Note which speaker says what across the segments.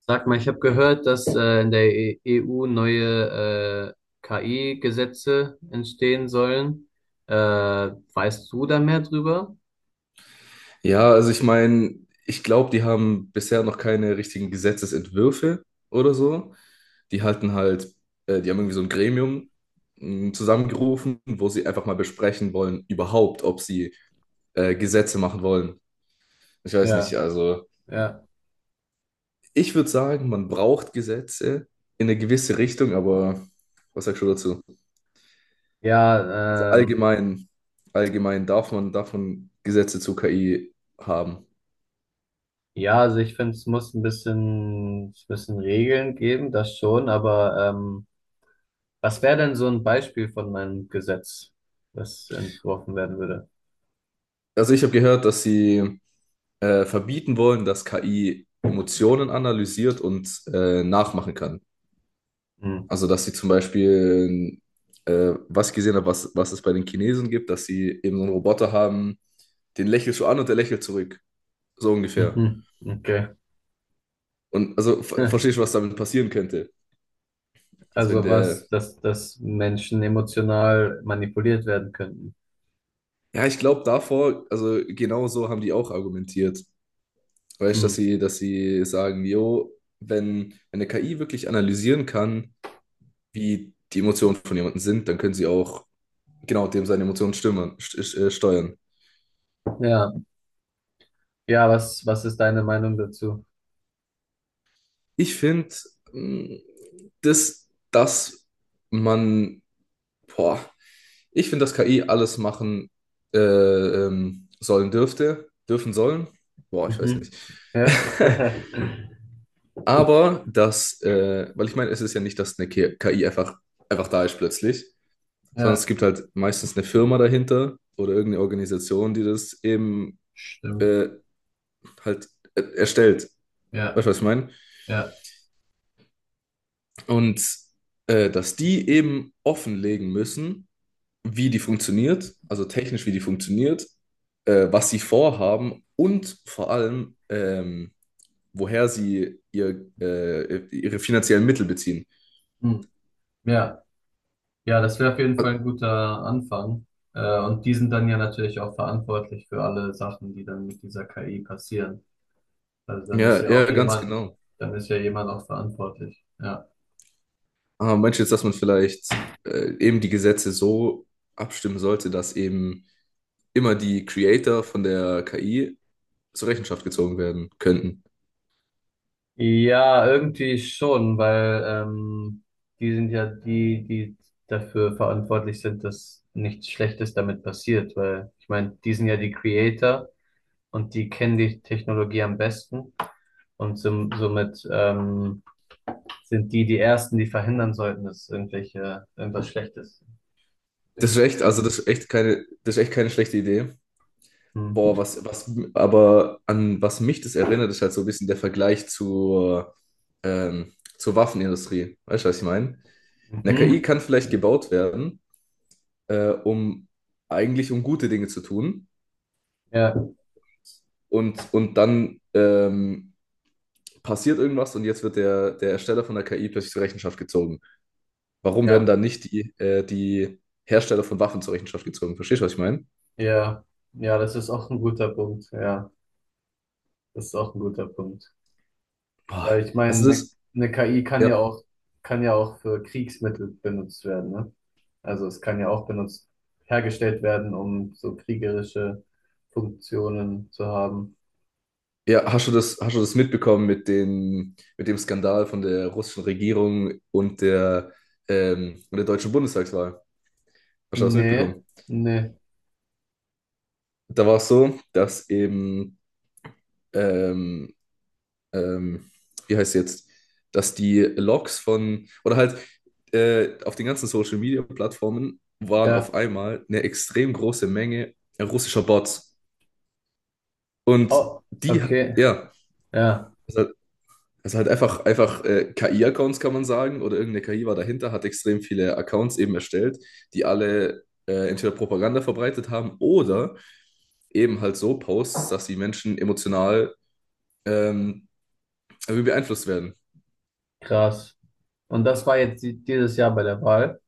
Speaker 1: Sag mal, ich habe gehört, dass in der EU neue KI-Gesetze entstehen sollen. Weißt du da mehr drüber?
Speaker 2: Ja, also ich meine, ich glaube, die haben bisher noch keine richtigen Gesetzesentwürfe oder so. Die halten halt, Die haben irgendwie so ein Gremium zusammengerufen, wo sie einfach mal besprechen wollen, überhaupt, ob sie Gesetze machen wollen. Ich weiß nicht,
Speaker 1: Ja,
Speaker 2: also
Speaker 1: ja,
Speaker 2: ich würde sagen, man braucht Gesetze in eine gewisse Richtung, aber was sagst du dazu? Also
Speaker 1: ja, ähm,
Speaker 2: allgemein, Allgemein darf man Gesetze zu KI haben.
Speaker 1: ja, also ich finde, es muss ein bisschen, es müssen Regeln geben, das schon, aber was wäre denn so ein Beispiel von einem Gesetz, das entworfen werden würde?
Speaker 2: Also ich habe gehört, dass sie verbieten wollen, dass KI Emotionen analysiert und nachmachen kann.
Speaker 1: Hm.
Speaker 2: Also, dass sie zum Beispiel, was ich gesehen habe, was es bei den Chinesen gibt, dass sie eben so einen Roboter haben, den lächelst du an und der lächelt zurück. So ungefähr.
Speaker 1: Mhm. Okay.
Speaker 2: Und also verstehst du, was damit passieren könnte? Also wenn
Speaker 1: Also
Speaker 2: der.
Speaker 1: dass Menschen emotional manipuliert werden könnten.
Speaker 2: Ja, ich glaube davor, also genau so haben die auch argumentiert. Weißt du,
Speaker 1: Hm.
Speaker 2: dass sie sagen, jo, wenn eine KI wirklich analysieren kann, wie die Emotionen von jemandem sind, dann können sie auch genau, dem seine Emotionen stimmen, st steuern.
Speaker 1: Ja, ja, was ist deine Meinung dazu?
Speaker 2: Ich finde, das, dass man, boah, ich finde, dass KI alles machen sollen dürfte, dürfen sollen. Boah, ich weiß
Speaker 1: Mhm.
Speaker 2: nicht.
Speaker 1: Ja.
Speaker 2: Aber dass weil ich meine, es ist ja nicht, dass eine KI einfach, da ist plötzlich, sondern es
Speaker 1: Ja,
Speaker 2: gibt halt meistens eine Firma dahinter oder irgendeine Organisation, die das eben
Speaker 1: stimmt.
Speaker 2: äh, halt erstellt.
Speaker 1: Ja,
Speaker 2: Weißt du, was ich meine?
Speaker 1: ja,
Speaker 2: Und dass die eben offenlegen müssen, wie die funktioniert, also technisch, wie die funktioniert, was sie vorhaben und vor allem, woher sie ihre finanziellen Mittel beziehen.
Speaker 1: hm. Ja, ja, das wäre auf jeden Fall ein guter Anfang. Und die sind dann ja natürlich auch verantwortlich für alle Sachen, die dann mit dieser KI passieren. Also dann ist
Speaker 2: Ja,
Speaker 1: ja auch
Speaker 2: ja, ganz
Speaker 1: jemand,
Speaker 2: genau.
Speaker 1: Dann ist ja jemand auch verantwortlich. Ja.
Speaker 2: Aber meinst du jetzt, dass man vielleicht eben die Gesetze so abstimmen sollte, dass eben immer die Creator von der KI zur Rechenschaft gezogen werden könnten?
Speaker 1: Ja, irgendwie schon, weil die sind ja die, die dafür verantwortlich sind, dass nichts Schlechtes damit passiert, weil ich meine, die sind ja die Creator und die kennen die Technologie am besten und somit sind die die Ersten, die verhindern sollten, dass irgendwelche irgendwas Schlechtes durch diese KI passiert.
Speaker 2: Das ist echt keine schlechte Idee.
Speaker 1: Hm.
Speaker 2: Boah, aber an was mich das erinnert, ist halt so ein bisschen der Vergleich ähm, zur Waffenindustrie. Weißt du, was ich meine? Eine KI
Speaker 1: Mhm.
Speaker 2: kann vielleicht gebaut werden, um eigentlich um gute Dinge zu tun.
Speaker 1: Ja,
Speaker 2: Und und dann passiert irgendwas und jetzt wird der Ersteller von der KI plötzlich zur Rechenschaft gezogen. Warum werden
Speaker 1: ja,
Speaker 2: dann nicht die Hersteller von Waffen zur Rechenschaft gezogen? Verstehst du, was ich meine?
Speaker 1: ja, ja, das ist auch ein guter Punkt. Ja, das ist auch ein guter Punkt.
Speaker 2: Boah,
Speaker 1: Weil ich
Speaker 2: also
Speaker 1: meine,
Speaker 2: das,
Speaker 1: eine KI kann ja
Speaker 2: ja.
Speaker 1: auch, kann ja auch für Kriegsmittel benutzt werden, ne? Also es kann ja auch benutzt, Hergestellt werden, um so kriegerische Funktionen zu haben.
Speaker 2: Ja, hast du das mitbekommen mit mit dem Skandal von der russischen Regierung und der deutschen Bundestagswahl? Hast du das
Speaker 1: Nee,
Speaker 2: mitbekommen?
Speaker 1: nee.
Speaker 2: Da war es so, dass eben, ähm, ähm, wie heißt es jetzt, dass die Logs von, oder halt auf den ganzen Social Media Plattformen waren
Speaker 1: Ja.
Speaker 2: auf einmal eine extrem große Menge russischer Bots. Und
Speaker 1: Oh,
Speaker 2: die,
Speaker 1: okay,
Speaker 2: ja,
Speaker 1: ja,
Speaker 2: also halt einfach KI-Accounts kann man sagen, oder irgendeine KI war dahinter, hat extrem viele Accounts eben erstellt, die alle entweder Propaganda verbreitet haben oder eben halt so Posts, dass die Menschen emotional ähm, irgendwie beeinflusst werden.
Speaker 1: krass. Und das war jetzt dieses Jahr bei der Wahl.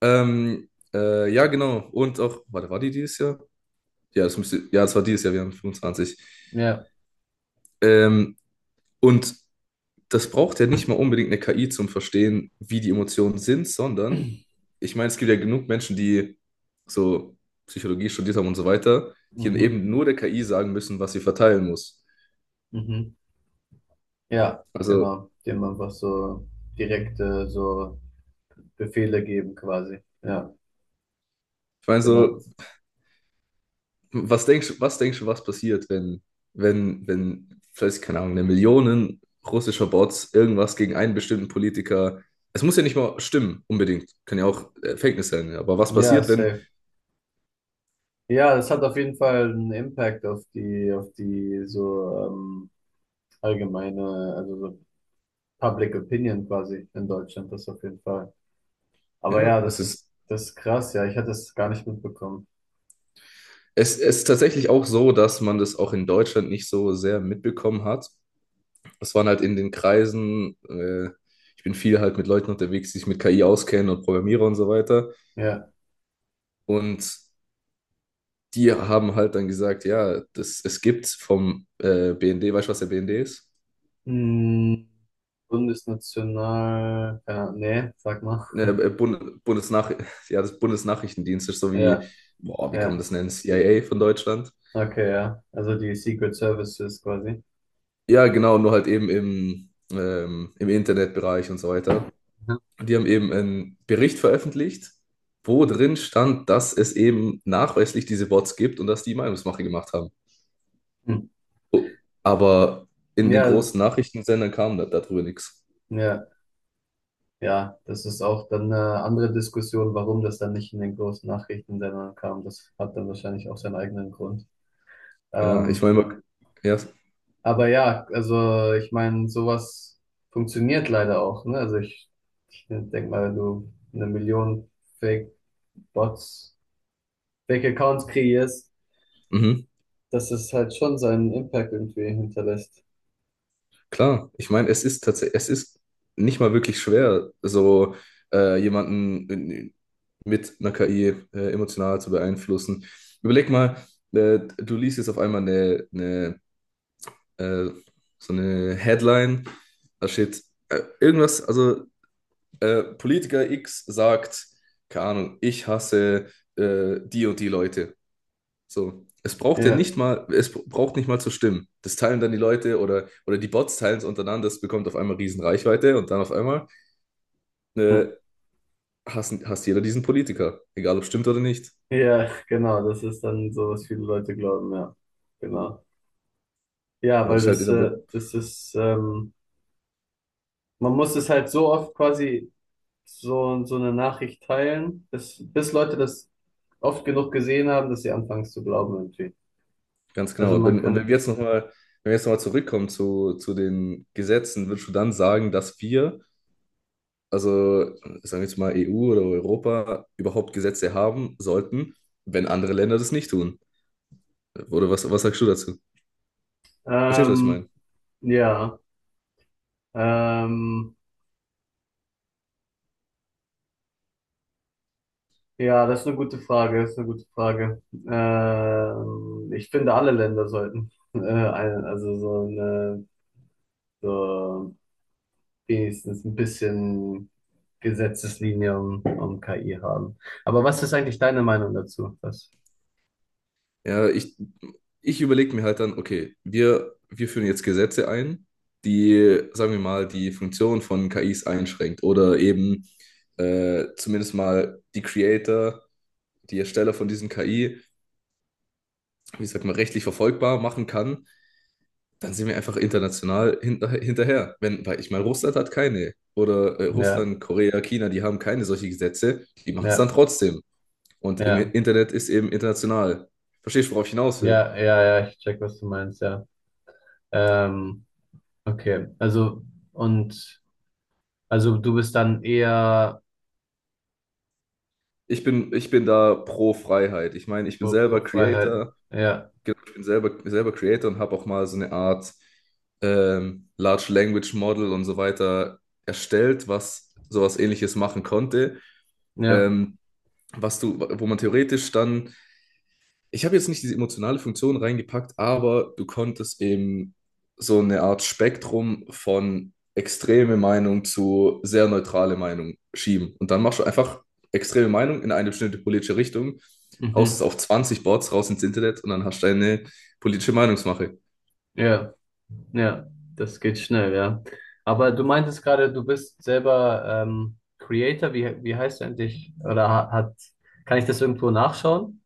Speaker 2: Ja, genau. Und auch, warte, war die dieses Jahr? Ja, das müsste, ja, das war dieses Jahr, wir haben 25.
Speaker 1: Ja.
Speaker 2: Ähm, und das braucht ja nicht mal unbedingt eine KI zum Verstehen, wie die Emotionen sind, sondern ich meine, es gibt ja genug Menschen, die so Psychologie studiert haben und so weiter, die dann
Speaker 1: mhm,
Speaker 2: eben nur der KI sagen müssen, was sie verteilen muss.
Speaker 1: mhm. Ja,
Speaker 2: Also,
Speaker 1: genau. Dem einfach so direkte so Befehle geben quasi. Ja,
Speaker 2: ich meine, so,
Speaker 1: genau.
Speaker 2: was denkst du, was passiert, wenn, vielleicht, keine Ahnung, eine Million russischer Bots irgendwas gegen einen bestimmten Politiker. Es muss ja nicht mal stimmen, unbedingt. Kann ja auch Fake News sein. Ja. Aber was
Speaker 1: Ja,
Speaker 2: passiert, wenn,
Speaker 1: safe. Ja, das hat auf jeden Fall einen Impact auf auf die so allgemeine, also so Public Opinion quasi in Deutschland, das auf jeden Fall. Aber
Speaker 2: Ja,
Speaker 1: ja, das ist krass, ja, ich hatte es gar nicht mitbekommen.
Speaker 2: es ist tatsächlich auch so, dass man das auch in Deutschland nicht so sehr mitbekommen hat. Das waren halt in den Kreisen, ich bin viel halt mit Leuten unterwegs, die sich mit KI auskennen und Programmierer und so weiter.
Speaker 1: Ja.
Speaker 2: Und die haben halt dann gesagt, ja, es gibt vom BND, weißt du, was der BND ist?
Speaker 1: Hm, Bundesnational, ja, nee, sag mal.
Speaker 2: Ne, Bund, Bundesnach ja, das Bundesnachrichtendienst ist so
Speaker 1: Ja,
Speaker 2: wie, boah, wie kann man
Speaker 1: ja,
Speaker 2: das nennen? CIA von Deutschland.
Speaker 1: okay, ja. Also die Secret Services quasi.
Speaker 2: Ja, genau, nur halt eben im Internetbereich und so weiter.
Speaker 1: Mhm.
Speaker 2: Und die haben eben einen Bericht veröffentlicht, wo drin stand, dass es eben nachweislich diese Bots gibt und dass die Meinungsmache gemacht haben.
Speaker 1: Hm.
Speaker 2: Oh, aber in den
Speaker 1: Ja,
Speaker 2: großen Nachrichtensendern kam darüber nichts.
Speaker 1: ja. Ja, das ist auch dann eine andere Diskussion, warum das dann nicht in den großen Nachrichtensendern kam. Das hat dann wahrscheinlich auch seinen eigenen Grund.
Speaker 2: Ja, ich
Speaker 1: Ähm,
Speaker 2: meine, ja.
Speaker 1: aber ja, also ich meine, sowas funktioniert leider auch, ne? Ich denke mal, wenn du eine Million Fake-Bots, Fake-Accounts kreierst,
Speaker 2: Mhm.
Speaker 1: dass es halt schon seinen Impact irgendwie hinterlässt.
Speaker 2: Klar. Ich meine, es ist tatsächlich, es ist nicht mal wirklich schwer, so jemanden mit einer KI emotional zu beeinflussen. Überleg mal, du liest jetzt auf einmal eine äh, so eine Headline, da steht irgendwas, also Politiker X sagt, keine Ahnung, ich hasse die und die Leute. So. Es braucht ja
Speaker 1: Ja,
Speaker 2: nicht mal, es braucht nicht mal zu stimmen. Das teilen dann die Leute oder die Bots teilen es untereinander, das bekommt auf einmal riesen Reichweite und dann auf einmal
Speaker 1: ja.
Speaker 2: äh, hasst jeder diesen Politiker, egal ob stimmt oder nicht. Ja,
Speaker 1: Ja, genau, das ist dann so, was viele Leute glauben, ja, genau. Ja,
Speaker 2: aber
Speaker 1: weil
Speaker 2: das ist halt in
Speaker 1: das,
Speaker 2: der Mo-.
Speaker 1: das ist, man muss es halt so oft quasi so, so eine Nachricht teilen, bis Leute das oft genug gesehen haben, dass sie anfangen es zu glauben irgendwie.
Speaker 2: Ganz
Speaker 1: Also
Speaker 2: genau. Und
Speaker 1: man
Speaker 2: wenn, und wenn
Speaker 1: kann,
Speaker 2: wir jetzt nochmal, wenn wir jetzt nochmal zurückkommen zu den Gesetzen, würdest du dann sagen, dass wir also sagen wir jetzt mal EU oder Europa, überhaupt Gesetze haben sollten, wenn andere Länder das nicht tun. Oder was sagst du dazu? Verstehst du, was ich
Speaker 1: ähm,
Speaker 2: meine?
Speaker 1: ja, ähm, ja, das ist eine gute Frage, das ist eine gute Frage. Ich finde, alle Länder sollten, also so eine, so wenigstens ein bisschen Gesetzeslinie um KI haben. Aber was ist eigentlich deine Meinung dazu? Was?
Speaker 2: Ja, ich überlege mir halt dann, okay, wir führen jetzt Gesetze ein, die, sagen wir mal, die Funktion von KIs einschränkt oder eben zumindest mal die Creator, die Ersteller von diesen KI, wie sagt man, rechtlich verfolgbar machen kann, dann sind wir einfach international hinterher. Wenn, weil ich meine, Russland hat keine. Oder
Speaker 1: Ja,
Speaker 2: Russland, Korea, China, die haben keine solche Gesetze. Die machen es dann
Speaker 1: ja.
Speaker 2: trotzdem. Und im
Speaker 1: Ja,
Speaker 2: Internet ist eben international. Verstehst du, worauf ich hinaus will?
Speaker 1: ja, ich check, was du meinst, ja. Ähm, okay, also und also du bist dann eher
Speaker 2: Ich bin da pro Freiheit. Ich meine, ich bin
Speaker 1: pro,
Speaker 2: selber
Speaker 1: pro Freiheit.
Speaker 2: Creator.
Speaker 1: Ja,
Speaker 2: Genau, ich bin selber, selber Creator und habe auch mal so eine Art Large Language Model und so weiter erstellt, was sowas Ähnliches machen konnte.
Speaker 1: ja,
Speaker 2: Ähm, was du, wo man theoretisch dann, ich habe jetzt nicht diese emotionale Funktion reingepackt, aber du konntest eben so eine Art Spektrum von extreme Meinung zu sehr neutrale Meinung schieben. Und dann machst du einfach extreme Meinung in eine bestimmte politische Richtung, haust es
Speaker 1: mhm,
Speaker 2: auf 20 Boards raus ins Internet und dann hast du eine politische Meinungsmache.
Speaker 1: ja, ja, das geht schnell, ja. Aber du meintest gerade, du bist selber Creator, wie heißt du eigentlich? Oder hat, kann ich das irgendwo nachschauen?